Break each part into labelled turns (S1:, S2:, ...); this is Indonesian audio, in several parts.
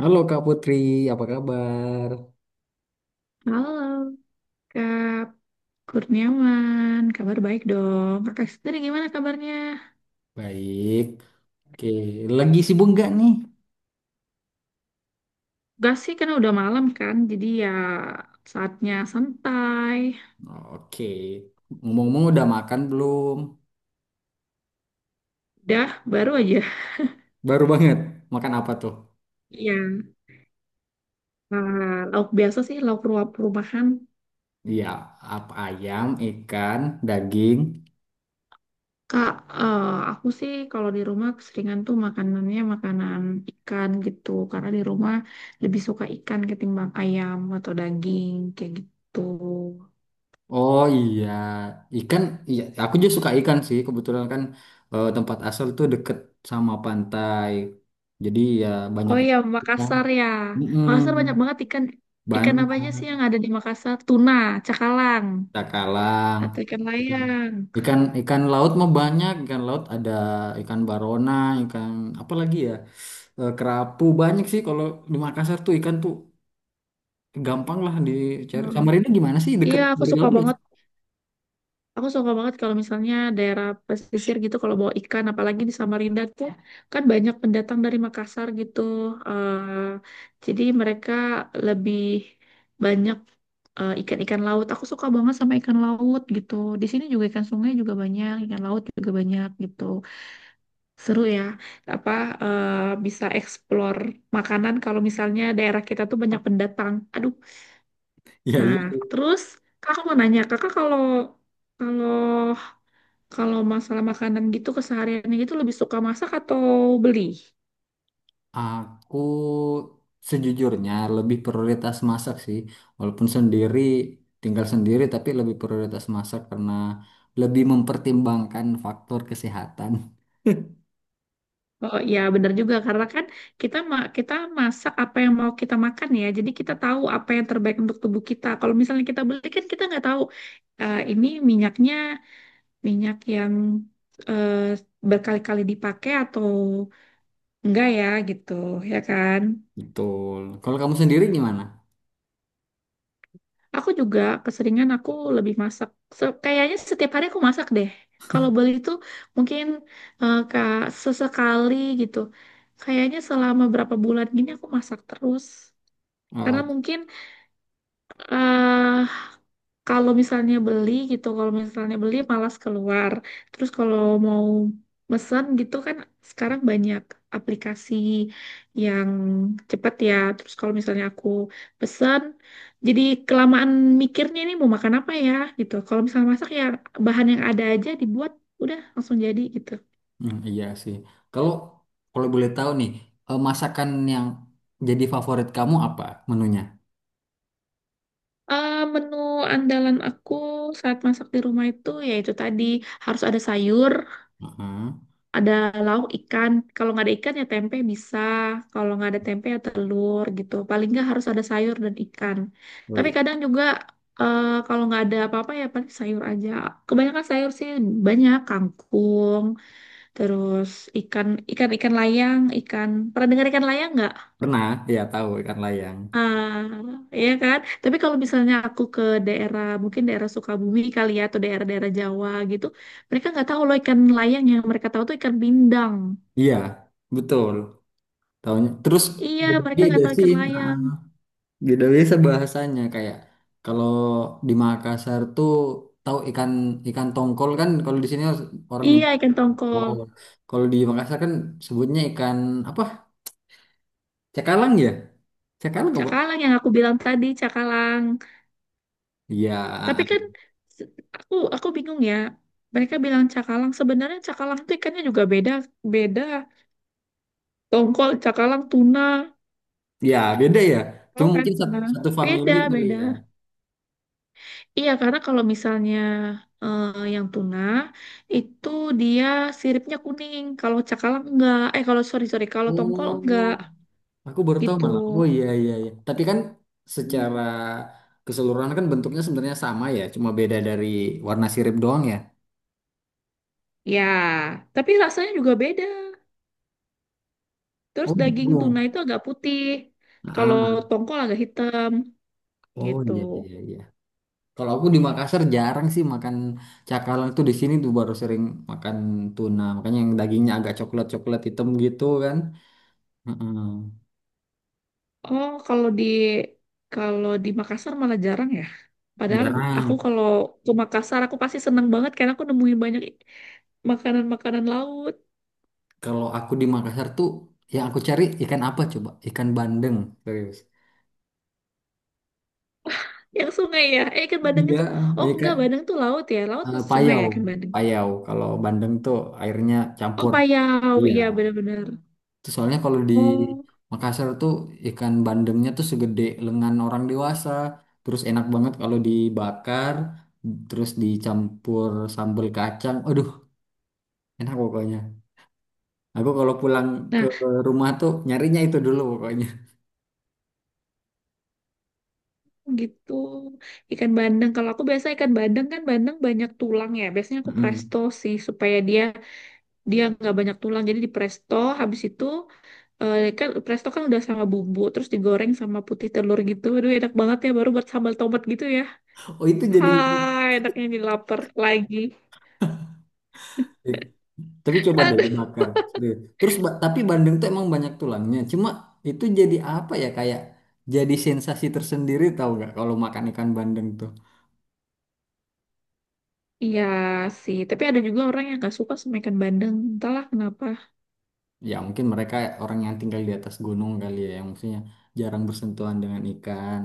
S1: Halo Kak Putri, apa kabar?
S2: Halo, Kak Kurniawan. Kabar baik dong. Kakak sendiri gimana kabarnya?
S1: Baik. Oke, lagi sibuk nggak nih?
S2: Gak sih, karena udah malam kan. Jadi ya saatnya santai.
S1: Oke. Ngomong-ngomong udah makan belum?
S2: Udah, baru aja.
S1: Baru banget. Makan apa tuh?
S2: Iya, lauk biasa sih, lauk ruap rumahan.
S1: Iya, apa ayam, ikan, daging.
S2: Kak, eh, aku sih kalau di rumah keseringan tuh makanannya makanan ikan gitu. Karena di rumah lebih suka ikan ketimbang ayam atau daging kayak gitu.
S1: Oh iya, ikan. Iya, aku juga suka ikan sih. Kebetulan kan tempat asal tuh deket sama pantai. Jadi ya banyak
S2: Oh
S1: yang
S2: iya,
S1: ikan.
S2: Makassar ya.
S1: Mm-mm,
S2: Makassar banyak banget ikan. Ikan
S1: banyak.
S2: apa aja sih yang ada di Makassar? Tuna, cakalang,
S1: Cakalang.
S2: atau ikan layang.
S1: Ikan ikan laut mah banyak, ikan laut ada ikan barona, ikan apa lagi ya? Kerapu banyak sih kalau di Makassar tuh ikan tuh gampang lah dicari.
S2: Hmm.
S1: Samarinda gimana sih
S2: Iya,
S1: deket
S2: aku
S1: dari
S2: suka
S1: laut nggak sih?
S2: banget. Aku suka banget kalau misalnya daerah pesisir gitu, kalau bawa ikan, apalagi di Samarinda tuh kan banyak pendatang dari Makassar gitu. Eh, jadi mereka lebih banyak ikan-ikan laut. Aku suka banget sama ikan laut gitu. Di sini juga ikan sungai juga banyak, ikan laut juga banyak gitu. Seru ya, apa, eh, bisa explore makanan kalau misalnya daerah kita tuh banyak pendatang. Aduh.
S1: Iya
S2: Nah,
S1: iya.
S2: terus kakak mau nanya, kakak kalau kalau kalau masalah makanan gitu kesehariannya gitu lebih suka masak atau beli?
S1: Aku sejujurnya lebih prioritas masak sih, walaupun sendiri tinggal sendiri tapi lebih prioritas masak karena lebih mempertimbangkan faktor kesehatan.
S2: Oh iya benar juga karena kan kita masak apa yang mau kita makan ya. Jadi kita tahu apa yang terbaik untuk tubuh kita. Kalau misalnya kita beli kan kita nggak tahu ini minyaknya minyak yang eh, berkali-kali dipakai atau enggak ya gitu ya kan.
S1: Betul. Kalau kamu sendiri gimana?
S2: Aku juga keseringan, aku lebih masak. Kayaknya setiap hari aku masak deh. Kalau beli itu mungkin sesekali gitu. Kayaknya selama berapa bulan gini aku masak terus karena mungkin. eh, Kalau misalnya beli gitu, kalau misalnya beli malas keluar. Terus kalau mau mesen gitu kan sekarang banyak aplikasi yang cepat ya. Terus kalau misalnya aku pesen, jadi kelamaan mikirnya ini mau makan apa ya gitu. Kalau misalnya masak ya bahan yang ada aja dibuat, udah langsung jadi gitu.
S1: Hmm, iya sih. Kalau kalau boleh tahu nih, masakan yang jadi favorit kamu apa menunya?
S2: Menu andalan aku saat masak di rumah itu ya itu tadi, harus ada sayur,
S1: Heeh.
S2: ada lauk ikan. Kalau nggak ada ikan ya tempe bisa, kalau nggak ada tempe ya telur gitu. Paling nggak harus ada sayur dan ikan,
S1: Oh
S2: tapi
S1: iya
S2: kadang juga kalau nggak ada apa-apa ya paling sayur aja. Kebanyakan sayur sih, banyak kangkung. Terus ikan ikan ikan layang. Ikan, pernah dengar ikan layang nggak?
S1: pernah ya tahu ikan layang.
S2: Ah, ya kan, tapi kalau misalnya aku ke daerah, mungkin daerah Sukabumi kali ya atau daerah-daerah Jawa gitu, mereka nggak tahu loh ikan layang, yang mereka tahu tuh ikan bindang.
S1: Iya, betul. Tahunya. Terus
S2: Iya, mereka
S1: beda-beda
S2: nggak tahu
S1: sih.
S2: ikan
S1: Heeh.
S2: layang.
S1: Beda biasa bahasanya kayak kalau di Makassar tuh tahu ikan ikan tongkol kan kalau di sini orang
S2: Iya,
S1: nyebut
S2: ikan tongkol.
S1: tongkol. Kalau di Makassar kan sebutnya ikan apa? Cakalang ya? Cakalang apa?
S2: Cakalang yang aku bilang tadi, cakalang.
S1: Iya,
S2: Tapi kan se- aku bingung ya. Mereka bilang cakalang. Sebenarnya cakalang itu ikannya juga beda beda. Tongkol, cakalang, tuna.
S1: Ya, beda ya.
S2: Tahu
S1: Cuma
S2: kan
S1: mungkin
S2: tuna?
S1: satu
S2: Beda,
S1: family kali
S2: beda.
S1: ya.
S2: Iya, karena kalau misalnya eh, yang tuna itu dia siripnya kuning. Kalau cakalang enggak. Kalau sorry sorry, kalau tongkol
S1: Oh,
S2: enggak
S1: aku baru tahu
S2: gitu.
S1: malah. Oh iya iya iya. Tapi kan
S2: Hmm.
S1: secara keseluruhan kan bentuknya sebenarnya sama ya, cuma beda dari warna sirip doang ya.
S2: Ya, tapi rasanya juga beda. Terus
S1: Oh, gitu.
S2: daging tuna itu agak putih. Kalau
S1: Ah,
S2: tongkol agak hitam
S1: oh
S2: gitu.
S1: iya iya iya. Kalau aku di Makassar jarang sih makan cakalang itu di sini tuh baru sering makan tuna. Makanya yang dagingnya agak coklat-coklat hitam gitu kan. Heeh.
S2: Oh, kalau di Makassar malah jarang ya. Padahal aku
S1: Jarang.
S2: kalau ke Makassar aku pasti seneng banget karena aku nemuin banyak makanan-makanan laut
S1: Kalau aku di Makassar tuh yang aku cari ikan apa coba? Ikan bandeng, serius.
S2: yang sungai ya. Ikan bandeng
S1: Iya,
S2: itu, oh enggak,
S1: ikan
S2: bandeng itu laut ya. Laut itu sungai ya
S1: payau.
S2: ikan bandeng.
S1: Payau kalau bandeng tuh airnya
S2: Oh
S1: campur.
S2: payau,
S1: Iya.
S2: iya benar-benar.
S1: Itu soalnya kalau di
S2: Oh,
S1: Makassar tuh ikan bandengnya tuh segede lengan orang dewasa. Terus enak banget kalau dibakar, terus dicampur sambal kacang. Aduh, enak pokoknya. Aku kalau pulang ke
S2: nah
S1: rumah tuh nyarinya itu dulu pokoknya.
S2: gitu ikan bandeng. Kalau aku biasa ikan bandeng kan bandeng banyak tulang ya. Biasanya aku presto
S1: Mm.
S2: sih supaya dia dia nggak banyak tulang, jadi di presto. Habis itu kan presto kan udah sama bumbu terus digoreng sama putih telur gitu, aduh enak banget ya, baru buat sambal tomat gitu ya.
S1: Oh, itu jadi.
S2: Hai, enaknya jadi lapar lagi.
S1: Tapi coba deh
S2: Aduh,
S1: dibakar. Deh. Terus tapi bandeng tuh emang banyak tulangnya. Cuma itu jadi apa ya kayak jadi sensasi tersendiri tahu nggak kalau makan ikan bandeng tuh.
S2: iya sih, tapi ada juga orang yang nggak suka sama ikan bandeng, entahlah kenapa.
S1: Ya mungkin mereka orang yang tinggal di atas gunung kali ya, yang maksudnya jarang bersentuhan dengan ikan.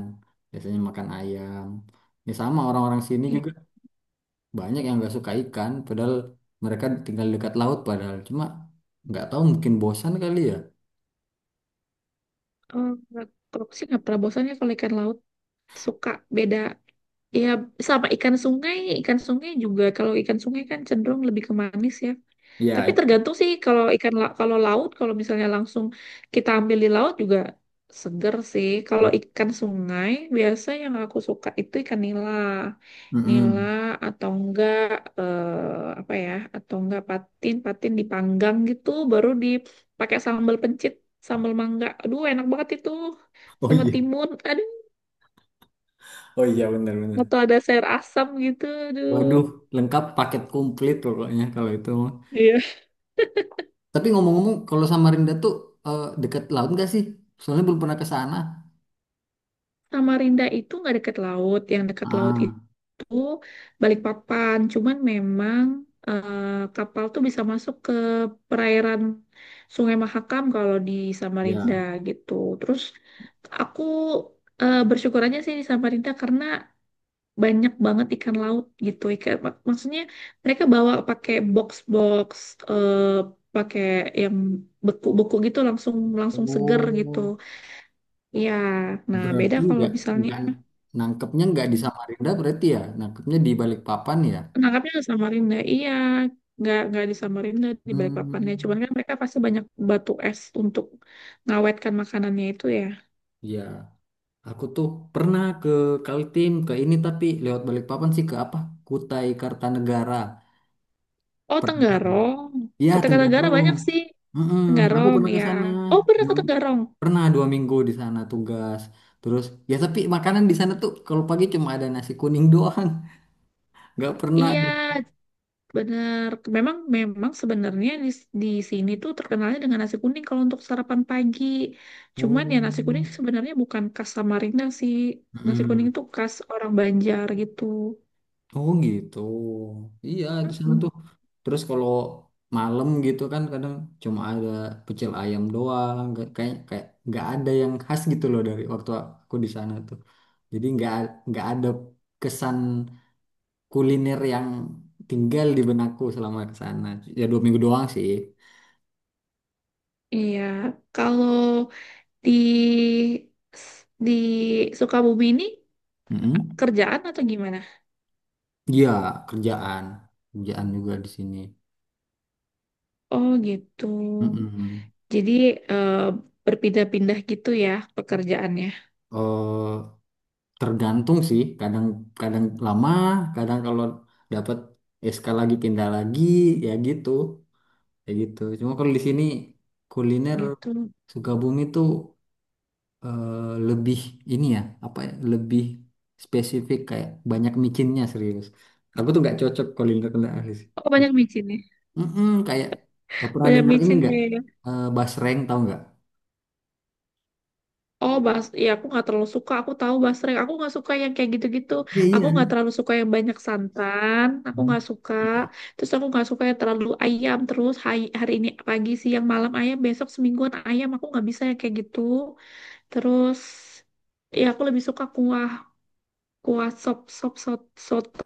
S1: Biasanya makan ayam. Ya sama orang-orang sini juga
S2: Iya,
S1: banyak yang nggak suka ikan, padahal mereka tinggal dekat laut padahal. Cuma nggak tahu mungkin bosan kali ya.
S2: oh, kalau aku sih nggak pernah bosan ya kalau ikan laut, suka. Beda ya sama ikan sungai. Ikan sungai juga, kalau ikan sungai kan cenderung lebih ke manis ya.
S1: Ya.
S2: Tapi
S1: Itu.
S2: tergantung sih, kalau laut kalau misalnya langsung kita ambil di laut juga seger sih. Kalau ikan sungai biasa yang aku suka itu ikan nila. Nila
S1: Mm-mm.
S2: atau enggak eh, apa ya? Atau enggak patin, patin dipanggang gitu baru dipakai sambal pencit, sambal mangga. Aduh enak banget itu.
S1: Oh
S2: Sama
S1: iya,
S2: timun. Aduh,
S1: oh iya benar-benar.
S2: atau ada sayur asam gitu. Aduh.
S1: Waduh, lengkap paket komplit pokoknya kalau itu mah.
S2: Iya.
S1: Tapi ngomong-ngomong, kalau Samarinda tuh dekat laut nggak sih? Soalnya belum pernah ke sana.
S2: Samarinda itu nggak dekat laut. Yang dekat laut
S1: Ah,
S2: itu Balikpapan. Cuman memang eh, kapal tuh bisa masuk ke perairan Sungai Mahakam kalau di Samarinda
S1: ya.
S2: gitu. Terus aku bersyukur aja sih di Samarinda karena banyak banget ikan laut gitu. Maksudnya mereka bawa pakai box-box, eh, pakai yang beku-beku gitu, langsung langsung seger gitu.
S1: Oh,
S2: Iya, nah beda
S1: berarti
S2: kalau
S1: nggak
S2: misalnya
S1: nggak nangkepnya nggak di Samarinda berarti ya? Nangkepnya di Balikpapan ya?
S2: nangkapnya di Samarinda, iya. Nggak di Samarinda, di Balikpapan ya. Cuman
S1: Hmm,
S2: kan mereka pasti banyak batu es untuk ngawetkan makanannya itu ya.
S1: ya. Aku tuh pernah ke Kaltim ke ini tapi lewat Balikpapan sih ke apa? Kutai Kartanegara.
S2: Oh,
S1: Pernah.
S2: Tenggarong.
S1: Iya,
S2: Kota Tenggara
S1: Tenggarong.
S2: banyak sih.
S1: Mm-mm, aku
S2: Tenggarong,
S1: pernah ke
S2: ya.
S1: sana.
S2: Oh, pernah ke Tenggarong.
S1: Pernah 2 minggu di sana tugas. Terus ya tapi makanan di sana tuh kalau pagi cuma ada nasi kuning doang. Nggak pernah.
S2: Iya, bener. Memang, memang sebenarnya di sini tuh terkenalnya dengan nasi kuning kalau untuk sarapan pagi. Cuman ya nasi kuning
S1: Oh.
S2: sebenarnya bukan khas Samarinda sih. Nasi
S1: Mm.
S2: kuning itu khas orang Banjar gitu.
S1: Oh gitu. Iya di sana tuh. Terus kalau malam gitu kan kadang cuma ada pecel ayam doang. Kayak kayak nggak ada yang khas gitu loh dari waktu aku di sana tuh. Jadi nggak ada kesan kuliner yang tinggal di benakku selama ke sana. Ya 2 minggu doang sih.
S2: Iya, kalau di di Sukabumi ini
S1: Mm-mm.
S2: kerjaan atau gimana?
S1: Iya, kerjaan, kerjaan juga di sini.
S2: Oh gitu.
S1: Mm-mm.
S2: Jadi eh, berpindah-pindah gitu ya pekerjaannya.
S1: Eh, Tergantung sih, kadang-kadang lama, kadang kalau dapat SK lagi pindah lagi, ya gitu, ya gitu. Cuma kalau di sini kuliner
S2: Gitu.
S1: Sukabumi tuh eh, lebih ini ya, apa ya, lebih spesifik kayak banyak micinnya serius. Aku tuh nggak cocok kuliner kuliner di sini.
S2: Oh banyak micin ya.
S1: Mm-mm, kayak pernah
S2: Banyak
S1: dengar ini
S2: micin
S1: nggak?
S2: deh.
S1: Eh, basreng tahu nggak?
S2: Oh ya aku nggak terlalu suka. Aku tahu basreng. Aku nggak suka yang kayak gitu-gitu.
S1: Iya,
S2: Aku
S1: iya.
S2: nggak terlalu suka yang banyak santan. Aku
S1: Hmm.
S2: nggak suka. Terus aku nggak suka yang terlalu ayam, terus hari ini pagi siang malam ayam, besok semingguan ayam. Aku nggak bisa yang kayak gitu. Terus ya aku lebih suka kuah, kuah sop sop sot- soto.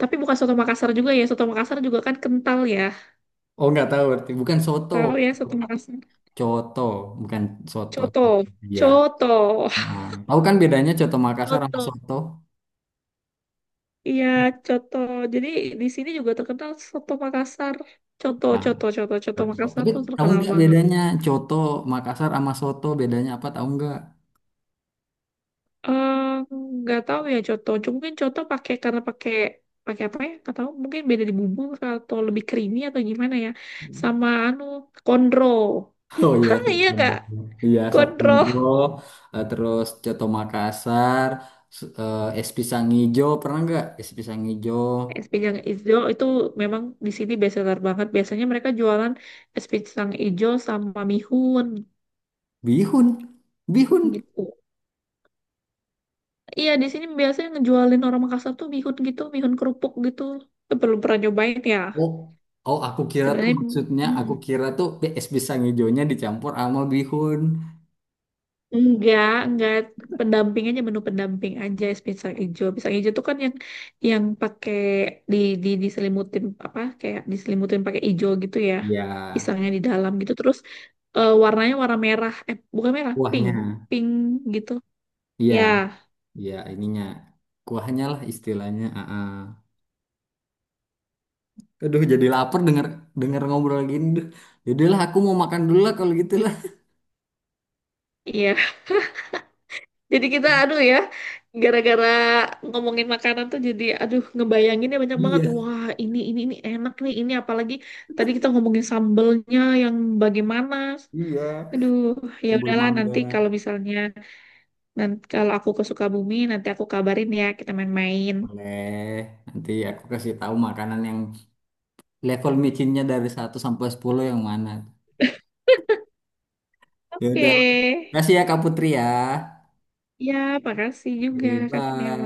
S2: Tapi bukan soto Makassar juga ya. Soto Makassar juga kan kental ya.
S1: Oh nggak tahu berarti bukan soto,
S2: Tahu ya soto Makassar.
S1: coto bukan soto.
S2: Coto.
S1: Iya.
S2: Coto.
S1: Ah. Tahu kan bedanya coto Makassar sama
S2: Coto.
S1: soto?
S2: Iya, coto. Jadi di sini juga terkenal soto Makassar. Coto,
S1: Nah,
S2: coto, coto, coto
S1: coto.
S2: Makassar
S1: Tapi
S2: tuh
S1: tahu
S2: terkenal
S1: nggak
S2: banget.
S1: bedanya coto Makassar sama soto bedanya apa tahu nggak?
S2: Eh, nggak tahu ya coto. Cuma mungkin coto pakai, karena pakai pakai apa ya? Nggak tahu. Mungkin beda di bumbu atau lebih creamy atau gimana ya. Sama anu kondro.
S1: Oh iya,
S2: Hah, iya nggak?
S1: Sabondro. Iya
S2: Gondroh.
S1: Sabondro, terus coto Makassar, es pisang hijau pernah nggak? Es pisang hijau,
S2: Es pisang hijau itu memang di sini bestseller banget. Biasanya mereka jualan es pisang hijau sama mihun
S1: bihun, bihun.
S2: gitu. Iya, di sini biasanya ngejualin orang Makassar tuh mihun gitu, mihun kerupuk gitu. Itu belum pernah nyobain ya.
S1: Oh, oh aku kira tuh
S2: Sebenarnya,
S1: maksudnya
S2: mm,
S1: aku kira tuh es pisang hijaunya dicampur sama bihun.
S2: enggak, pendamping aja, menu pendamping aja es pisang hijau. Pisang hijau tuh kan yang pakai di di diselimutin, apa, kayak diselimutin pakai hijau gitu ya.
S1: Ya,
S2: Pisangnya di dalam gitu terus warnanya warna merah. Bukan merah, pink.
S1: kuahnya.
S2: Pink gitu.
S1: Iya,
S2: Ya,
S1: iya ininya. Kuahnya lah istilahnya. Heeh. Aduh, jadi lapar denger denger ngobrol gini. Duh, yaudahlah aku mau makan dulu lah kalau gitu lah.
S2: iya. Jadi kita, aduh ya, gara-gara ngomongin makanan tuh jadi aduh, ngebayanginnya banyak banget.
S1: Iya,
S2: Wah, ini enak nih. Ini apalagi tadi kita ngomongin sambelnya yang bagaimana.
S1: iya.
S2: Aduh, ya
S1: Sambal
S2: udahlah
S1: mangga.
S2: nanti kalau misalnya, nanti kalau aku ke Sukabumi nanti aku kabarin ya, kita main-main.
S1: Boleh. Nanti aku kasih tahu makanan yang level micinnya dari 1 sampai 10 yang mana. Ya
S2: Oke.
S1: udah. Kasih ya Kak Putri ya.
S2: Ya, makasih juga
S1: Oke,
S2: Kak
S1: Bye.
S2: Kurniawan.